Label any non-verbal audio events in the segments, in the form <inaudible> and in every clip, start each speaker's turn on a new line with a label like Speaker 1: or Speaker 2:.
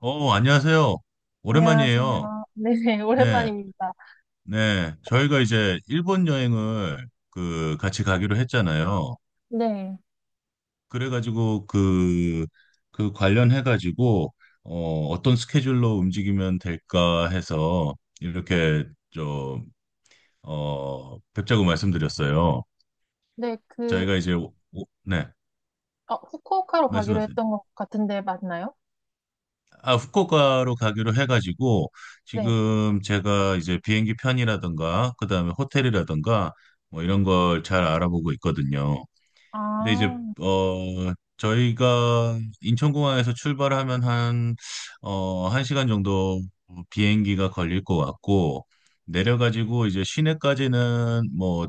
Speaker 1: 안녕하세요. 오랜만이에요.
Speaker 2: 안녕하세요. 네, <laughs>
Speaker 1: 네,
Speaker 2: 오랜만입니다.
Speaker 1: 네. 저희가 이제 일본 여행을 같이 가기로 했잖아요.
Speaker 2: 네.
Speaker 1: 그래가지고 그 관련해가지고 어떤 스케줄로 움직이면 될까 해서 이렇게 좀, 뵙자고 말씀드렸어요.
Speaker 2: 네, 그,
Speaker 1: 저희가 이제, 네,
Speaker 2: 후쿠오카로 가기로
Speaker 1: 말씀하세요.
Speaker 2: 했던 것 같은데 맞나요?
Speaker 1: 아, 후쿠오카로 가기로 해가지고
Speaker 2: 네.
Speaker 1: 지금 제가 이제 비행기 편이라든가 그다음에 호텔이라든가 뭐 이런 걸 잘 알아보고 있거든요. 근데 이제
Speaker 2: 아,
Speaker 1: 어 저희가 인천공항에서 출발하면 한 한 시간 정도 비행기가 걸릴 것 같고, 내려가지고 이제 시내까지는 뭐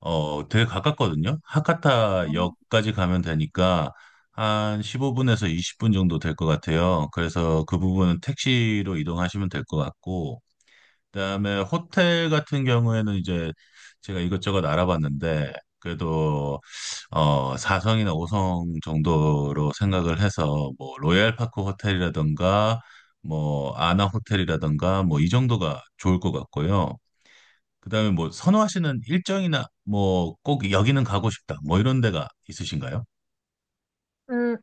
Speaker 1: 되게 가깝거든요. 하카타
Speaker 2: 음,
Speaker 1: 역까지 가면 되니까 한 15분에서 20분 정도 될 것 같아요. 그래서 그 부분은 택시로 이동하시면 될 것 같고, 그다음에 호텔 같은 경우에는 이제 제가 이것저것 알아봤는데, 그래도 4성이나 5성 정도로 생각을 해서, 뭐 로얄파크 호텔이라든가 뭐 아나 호텔이라든가 뭐 이 정도가 좋을 것 같고요. 그다음에 뭐 선호하시는 일정이나 뭐 꼭 여기는 가고 싶다, 뭐 이런 데가 있으신가요?
Speaker 2: 음,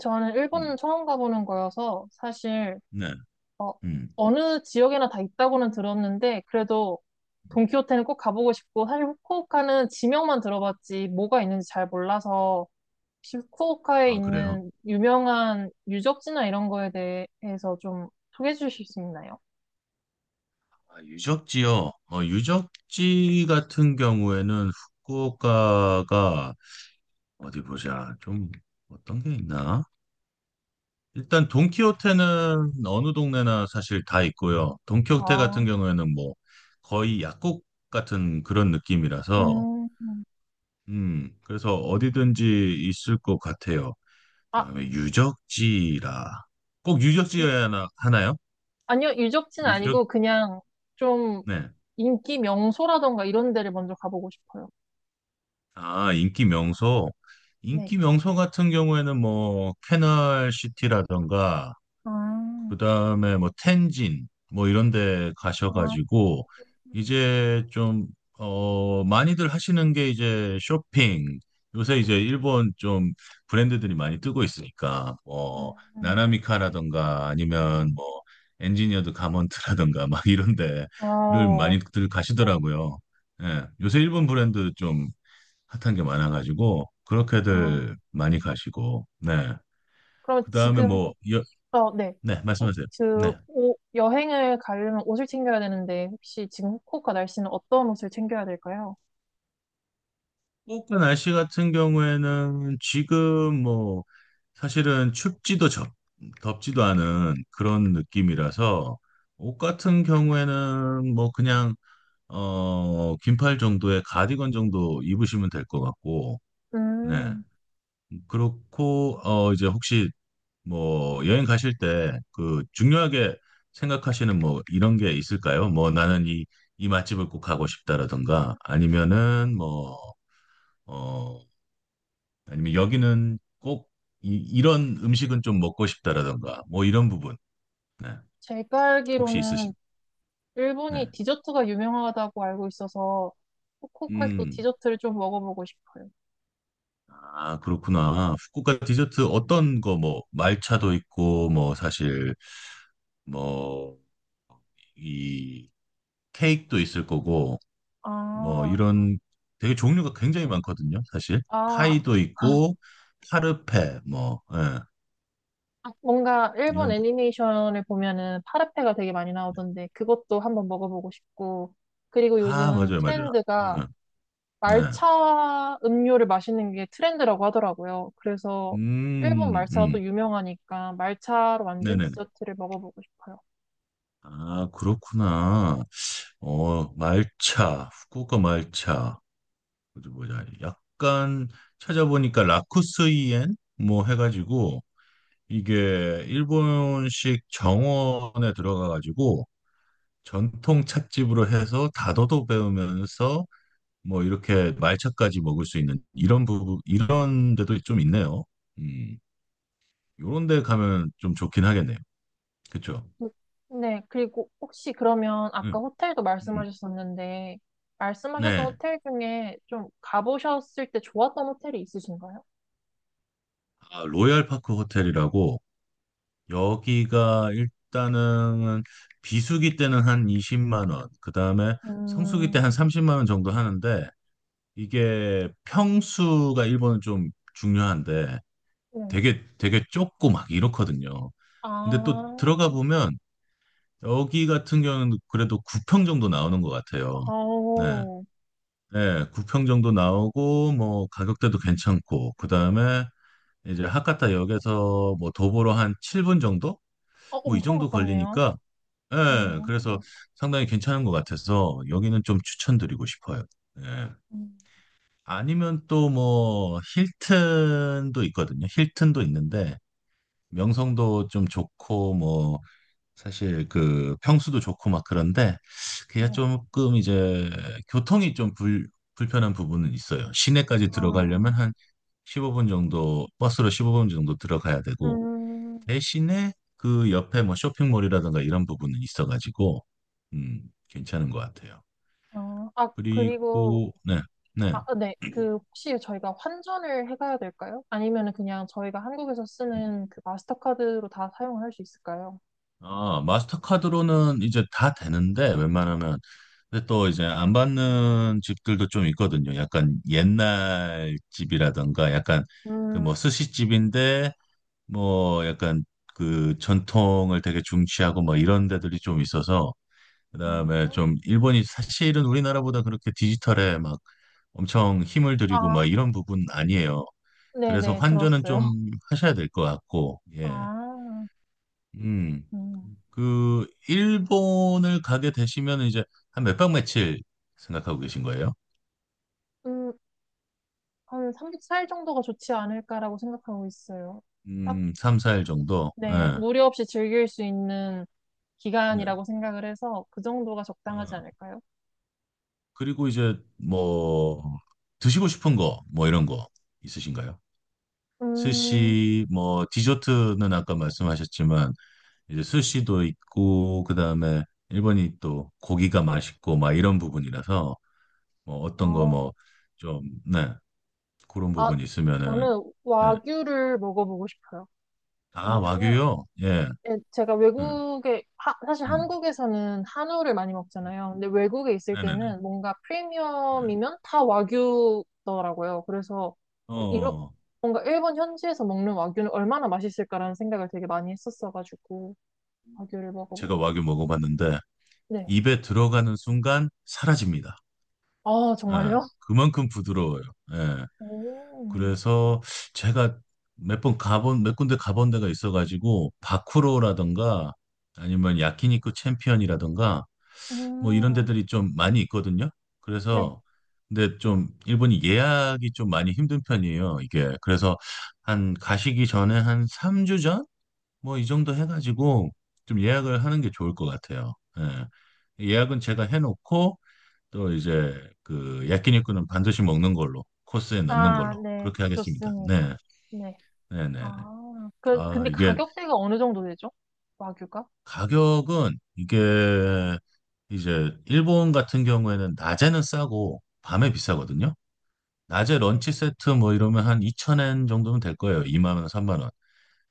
Speaker 2: 저는 일본
Speaker 1: 음.
Speaker 2: 처음 가보는 거여서 사실,
Speaker 1: 네.
Speaker 2: 어,
Speaker 1: 음.
Speaker 2: 어느 지역에나 다 있다고는 들었는데, 그래도 돈키호테는 꼭 가보고 싶고, 사실 후쿠오카는 지명만 들어봤지 뭐가 있는지 잘 몰라서, 혹시 후쿠오카에
Speaker 1: 아, 그래요?
Speaker 2: 있는 유명한 유적지나 이런 거에 대해서 좀 소개해 주실 수 있나요?
Speaker 1: 아, 유적. 지요 유적지 같은 경우에는 후쿠오카가 어디 보자. 좀 어떤 게 있나? 일단 돈키호테는 어느 동네나 사실 다 있고요. 돈키호테 같은
Speaker 2: 아,
Speaker 1: 경우에는 뭐 거의 약국 같은 그런 느낌이라서,
Speaker 2: 음,
Speaker 1: 그래서 어디든지 있을 것 같아요.
Speaker 2: 아,
Speaker 1: 그다음에 유적지라. 꼭
Speaker 2: 유-
Speaker 1: 유적지여야 하나요?
Speaker 2: 아니요, 유적지는
Speaker 1: 유적,
Speaker 2: 아니고 그냥 좀
Speaker 1: 네.
Speaker 2: 인기 명소라던가 이런 데를 먼저 가보고 싶어요.
Speaker 1: 아, 인기 명소.
Speaker 2: 네.
Speaker 1: 인기 명소 같은 경우에는 뭐, 캐널시티라던가,
Speaker 2: 아,
Speaker 1: 그다음에 뭐 텐진 뭐 이런 데
Speaker 2: 아,
Speaker 1: 가셔가지고 이제 좀 많이들 하시는 게 이제 쇼핑. 요새 이제 일본 좀 브랜드들이 많이 뜨고 있으니까, 뭐
Speaker 2: 음,
Speaker 1: 나나미카라던가 아니면 뭐 엔지니어드 가먼트라던가 막 이런 데를
Speaker 2: 어,
Speaker 1: 많이들 가시더라고요. 예. 요새 일본 브랜드 좀 핫한 게 많아가지고
Speaker 2: 어,
Speaker 1: 그렇게들 많이 가시고, 네.
Speaker 2: 그럼
Speaker 1: 그다음에
Speaker 2: 지금부터, 네.
Speaker 1: 네,
Speaker 2: 꼭
Speaker 1: 말씀하세요.
Speaker 2: 그,
Speaker 1: 네.
Speaker 2: 오 여행을 가려면 옷을 챙겨야 되는데, 혹시 지금 후쿠오카 날씨는 어떤 옷을 챙겨야 될까요?
Speaker 1: 후쿠오카 날씨 같은 경우에는 지금 뭐 사실은 덥지도 않은 그런 느낌이라서, 옷 같은 경우에는 뭐 그냥 긴팔 정도의 가디건 정도 입으시면 될 것 같고, 네.
Speaker 2: 음,
Speaker 1: 그렇고 이제 혹시 뭐 여행 가실 때 그 중요하게 생각하시는 뭐 이런 게 있을까요? 뭐, 나는 이 맛집을 꼭 가고 싶다라든가, 아니면은 뭐어 아니면 여기는 꼭 이런 음식은 좀 먹고 싶다라던가, 뭐 이런 부분. 네.
Speaker 2: 제가
Speaker 1: 혹시
Speaker 2: 알기로는
Speaker 1: 있으신?
Speaker 2: 일본이
Speaker 1: 네.
Speaker 2: 디저트가 유명하다고 알고 있어서 후쿠오카에서
Speaker 1: 음.
Speaker 2: 디저트를 좀 먹어보고 싶어요.
Speaker 1: 아, 그렇구나. 후쿠오카 디저트 어떤 거. 뭐 말차도 있고, 뭐 사실 뭐 이 케이크도 있을 거고, 뭐
Speaker 2: 아,
Speaker 1: 이런 되게 종류가 굉장히 많거든요, 사실.
Speaker 2: 아,
Speaker 1: 파이도 있고, 파르페 뭐, 예,
Speaker 2: 아, 뭔가 일본
Speaker 1: 이런.
Speaker 2: 애니메이션을 보면은 파르페가 되게 많이 나오던데 그것도 한번 먹어보고 싶고, 그리고
Speaker 1: 아,
Speaker 2: 요즘
Speaker 1: 맞아요, 맞아요. 예,
Speaker 2: 트렌드가
Speaker 1: 네.
Speaker 2: 말차 음료를 마시는 게 트렌드라고 하더라고요. 그래서 일본
Speaker 1: 음,
Speaker 2: 말차가
Speaker 1: 음.
Speaker 2: 또 유명하니까 말차로 만든
Speaker 1: 네네.
Speaker 2: 디저트를 먹어보고 싶어요.
Speaker 1: 아, 그렇구나. 어, 말차, 후쿠오카 말차. 어디 보자. 약간 찾아보니까 라쿠스이엔 뭐 해가지고, 이게 일본식 정원에 들어가가지고 전통 찻집으로 해서 다도도 배우면서 뭐 이렇게 말차까지 먹을 수 있는 이런 부분, 이런 데도 좀 있네요. 음, 요런 데 가면 좀 좋긴 하겠네요. 그쵸?
Speaker 2: 네, 그리고 혹시 그러면
Speaker 1: 음,
Speaker 2: 아까 호텔도
Speaker 1: 음.
Speaker 2: 말씀하셨었는데 말씀하셨던
Speaker 1: 네.
Speaker 2: 호텔 중에 좀 가보셨을 때 좋았던 호텔이 있으신가요?
Speaker 1: 아, 로얄파크 호텔이라고. 여기가 일단은 비수기 때는 한 20만 원, 그 다음에 성수기
Speaker 2: 음,
Speaker 1: 때 한 30만 원 정도 하는데, 이게 평수가 일본은 좀 중요한데,
Speaker 2: 네.
Speaker 1: 되게 되게 좁고 막 이렇거든요. 근데 또
Speaker 2: 아,
Speaker 1: 들어가 보면 여기 같은 경우는 그래도 9평 정도 나오는 것 같아요. 네,
Speaker 2: 아오.
Speaker 1: 네, 9평 정도 나오고 뭐 가격대도 괜찮고, 그 다음에 이제 하카타 역에서 뭐 도보로 한 7분 정도? 뭐 이
Speaker 2: 엄청
Speaker 1: 정도
Speaker 2: 가깝네요.
Speaker 1: 걸리니까, 예, 그래서
Speaker 2: 음,
Speaker 1: 상당히 괜찮은 것 같아서 여기는 좀 추천드리고 싶어요. 예.
Speaker 2: 음,
Speaker 1: 아니면 또 뭐 힐튼도 있거든요. 힐튼도 있는데 명성도 좀 좋고, 뭐 사실 그 평수도 좋고 막 그런데, 그게
Speaker 2: 네.
Speaker 1: 조금 이제 교통이 좀 불편한 부분은 있어요. 시내까지
Speaker 2: 아,
Speaker 1: 들어가려면 한 15분 정도, 버스로 15분 정도 들어가야 되고,
Speaker 2: 음,
Speaker 1: 대신에 그 옆에 뭐 쇼핑몰이라든가 이런 부분은 있어가지고, 음, 괜찮은 것 같아요.
Speaker 2: 아, 아, 그리고,
Speaker 1: 그리고 네, 네.
Speaker 2: 아, 아, 네. 그, 혹시 저희가 환전을 해가야 될까요? 아니면 은 그냥 저희가 한국에서
Speaker 1: 음.
Speaker 2: 쓰는 그 마스터카드로 다 사용을 할 수 있을까요?
Speaker 1: 아, 마스터카드로는 이제 다 되는데, 웬만하면, 근데 또 이제 안 받는 집들도 좀 있거든요. 약간 옛날 집이라든가, 약간 그
Speaker 2: 음,
Speaker 1: 뭐 스시집인데 뭐 약간 그 전통을 되게 중시하고 뭐 이런 데들이 좀 있어서. 그다음에
Speaker 2: 음.
Speaker 1: 좀 일본이 사실은 우리나라보다 그렇게 디지털에 막 엄청 힘을 들이고
Speaker 2: 아,
Speaker 1: 막 이런 부분 아니에요. 그래서
Speaker 2: 네네,
Speaker 1: 환전은
Speaker 2: 들었어요. <laughs>
Speaker 1: 좀 하셔야 될 것 같고, 예.
Speaker 2: 아,
Speaker 1: 음.
Speaker 2: 음,
Speaker 1: 그 일본을 가게 되시면 이제 한 몇 박 며칠 생각하고 계신 거예요?
Speaker 2: 음, 한 3박 4일 정도가 좋지 않을까라고 생각하고 있어요. 딱
Speaker 1: 3, 4일 정도.
Speaker 2: 네,
Speaker 1: 예.
Speaker 2: 무료 없이 즐길 수 있는
Speaker 1: 네.
Speaker 2: 기간이라고 생각을 해서 그 정도가
Speaker 1: 어,
Speaker 2: 적당하지 않을까요?
Speaker 1: 그리고 이제 뭐 드시고 싶은 거 뭐 이런 거 있으신가요?
Speaker 2: 음,
Speaker 1: 스시 뭐, 디저트는 아까 말씀하셨지만 이제 스시도 있고, 그다음에 일본이 또 고기가 맛있고 막 이런 부분이라서, 뭐 어떤 거
Speaker 2: 어,
Speaker 1: 뭐 좀, 네. 그런
Speaker 2: 아,
Speaker 1: 부분 있으면은.
Speaker 2: 저는
Speaker 1: 네.
Speaker 2: 와규를 먹어보고 싶어요.
Speaker 1: 아,
Speaker 2: 왜냐면,
Speaker 1: 와규요? 예.
Speaker 2: 예, 제가
Speaker 1: 네.
Speaker 2: 외국에, 사실
Speaker 1: 음.
Speaker 2: 한국에서는 한우를 많이 먹잖아요. 근데 외국에 있을
Speaker 1: 네, 네, 네.
Speaker 2: 때는 뭔가
Speaker 1: 네.
Speaker 2: 프리미엄이면 다 와규더라고요. 그래서, 이러,
Speaker 1: 어,
Speaker 2: 뭔가 일본 현지에서 먹는 와규는 얼마나 맛있을까라는 생각을 되게 많이 했었어가지고, 와규를
Speaker 1: 제가
Speaker 2: 먹어보고
Speaker 1: 와규
Speaker 2: 싶어요.
Speaker 1: 먹어봤는데
Speaker 2: 네.
Speaker 1: 입에 들어가는 순간 사라집니다.
Speaker 2: 아,
Speaker 1: 예.
Speaker 2: 정말요?
Speaker 1: 그만큼 부드러워요. 예.
Speaker 2: 오,
Speaker 1: 그래서 제가 몇 군데 가본 데가 있어가지고, 바쿠로라던가, 아니면 야키니쿠 챔피언이라던가, 뭐 이런
Speaker 2: 음,
Speaker 1: 데들이 좀 많이 있거든요.
Speaker 2: 네.
Speaker 1: 그래서, 근데 좀, 일본이 예약이 좀 많이 힘든 편이에요, 이게. 그래서, 한, 가시기 전에 한 3주 전? 뭐 이 정도 해가지고, 좀 예약을 하는 게 좋을 것 같아요. 예. 예약은 제가 해놓고, 또 이제 그 야끼니쿠는 반드시 먹는 걸로, 코스에 넣는
Speaker 2: 아,
Speaker 1: 걸로
Speaker 2: 네.
Speaker 1: 그렇게 하겠습니다.
Speaker 2: 좋습니다.
Speaker 1: 네,
Speaker 2: 네.
Speaker 1: 네, 네. 네.
Speaker 2: 아, 그,
Speaker 1: 아
Speaker 2: 근데
Speaker 1: 이게
Speaker 2: 가격대가 어느 정도 되죠? 와규가?
Speaker 1: 가격은 이게 이제 일본 같은 경우에는 낮에는 싸고 밤에 비싸거든요. 낮에
Speaker 2: 네.
Speaker 1: 런치 세트 뭐 이러면 한2천엔 정도면 될 거예요. 2만 원, 3만 원.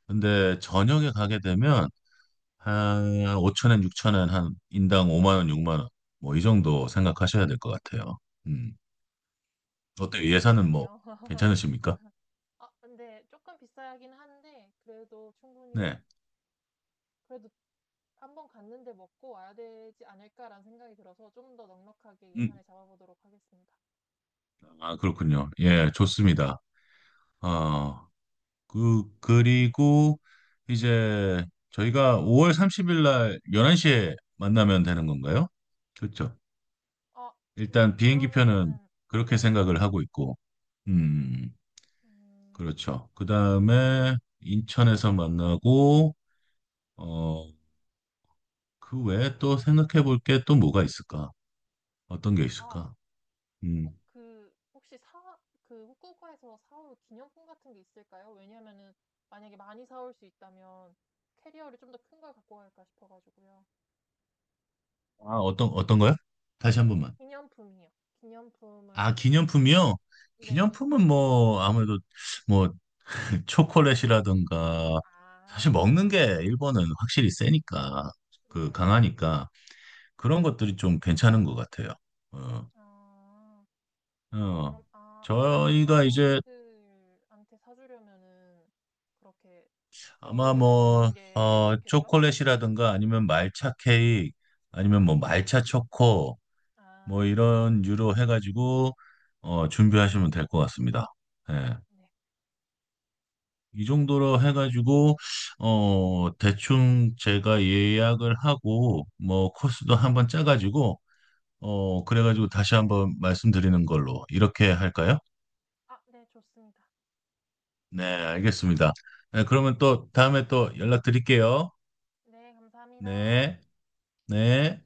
Speaker 1: 근데 저녁에 가게 되면 한5천엔6천엔 한 인당 5만 원, 6만 원. 뭐 이 정도 생각하셔야 될 것 같아요. 음. 어때요?
Speaker 2: 조금
Speaker 1: 예산은 뭐
Speaker 2: 비싸네요. <laughs>
Speaker 1: 괜찮으십니까?
Speaker 2: 아, 근데 조금 비싸긴 한데, 그래도
Speaker 1: 네.
Speaker 2: 충분히, 그래도 한 번 갔는데 먹고 와야 되지 않을까라는 생각이 들어서 좀 더 넉넉하게
Speaker 1: 음.
Speaker 2: 예산을 잡아보도록 하겠습니다.
Speaker 1: 아, 그렇군요. 예, 좋습니다. 어, 그리고 이제 저희가 5월 30일 날 11시에 만나면 되는 건가요? 그렇죠.
Speaker 2: 아,
Speaker 1: 일단
Speaker 2: 네.
Speaker 1: 비행기 표는
Speaker 2: 그러면은,
Speaker 1: 그렇게
Speaker 2: 네.
Speaker 1: 생각을 하고 있고, 음,
Speaker 2: 음,
Speaker 1: 그렇죠. 그 다음에 인천에서 만나고, 어, 그 외에 또 생각해 볼 게 또 뭐가 있을까? 어떤 게
Speaker 2: 아,
Speaker 1: 있을까?
Speaker 2: 꼭
Speaker 1: 음,
Speaker 2: 그, 혹시 그 후쿠오카에서 사올 기념품 같은 게 있을까요? 왜냐면은 만약에 많이 사올 수 있다면 캐리어를 좀 더 큰 걸 갖고 갈까 싶어가지고요.
Speaker 1: 아, 어떤 거요? 다시 한
Speaker 2: 그
Speaker 1: 번만.
Speaker 2: 기념품이요.
Speaker 1: 아,
Speaker 2: 기념품을,
Speaker 1: 기념품이요?
Speaker 2: 네.
Speaker 1: 기념품은 뭐 아무래도 뭐 <laughs> 초콜릿이라든가,
Speaker 2: <laughs>
Speaker 1: 사실
Speaker 2: 아,
Speaker 1: 먹는 게 일본은 확실히 세니까, 그
Speaker 2: 네.
Speaker 1: 강하니까,
Speaker 2: 네.
Speaker 1: 그런 것들이 좀 괜찮은 것 같아요. 어,
Speaker 2: 아, 아, 그럼,
Speaker 1: 어.
Speaker 2: 아, 아무래도 회사
Speaker 1: 저희가 이제
Speaker 2: 동기들한테 사주려면은 그렇게 여러
Speaker 1: 아마
Speaker 2: 개 살 수
Speaker 1: 뭐
Speaker 2: 있는 게 좋겠죠?
Speaker 1: 초콜릿이라든가 아니면 말차 케이크 아니면 뭐 말차 초코
Speaker 2: 아,
Speaker 1: 뭐 이런 유로 해가지고 준비하시면 될 것 같습니다. 예.
Speaker 2: 네.
Speaker 1: 이 정도로 해가지고 대충 제가 예약을 하고 뭐 코스도 한번 짜가지고 그래가지고 다시 한번 말씀드리는 걸로 이렇게 할까요?
Speaker 2: 아, 네, 좋습니다.
Speaker 1: 네, 알겠습니다. 네, 그러면 또 다음에 또 연락드릴게요.
Speaker 2: 네, 감사합니다.
Speaker 1: 네, 네.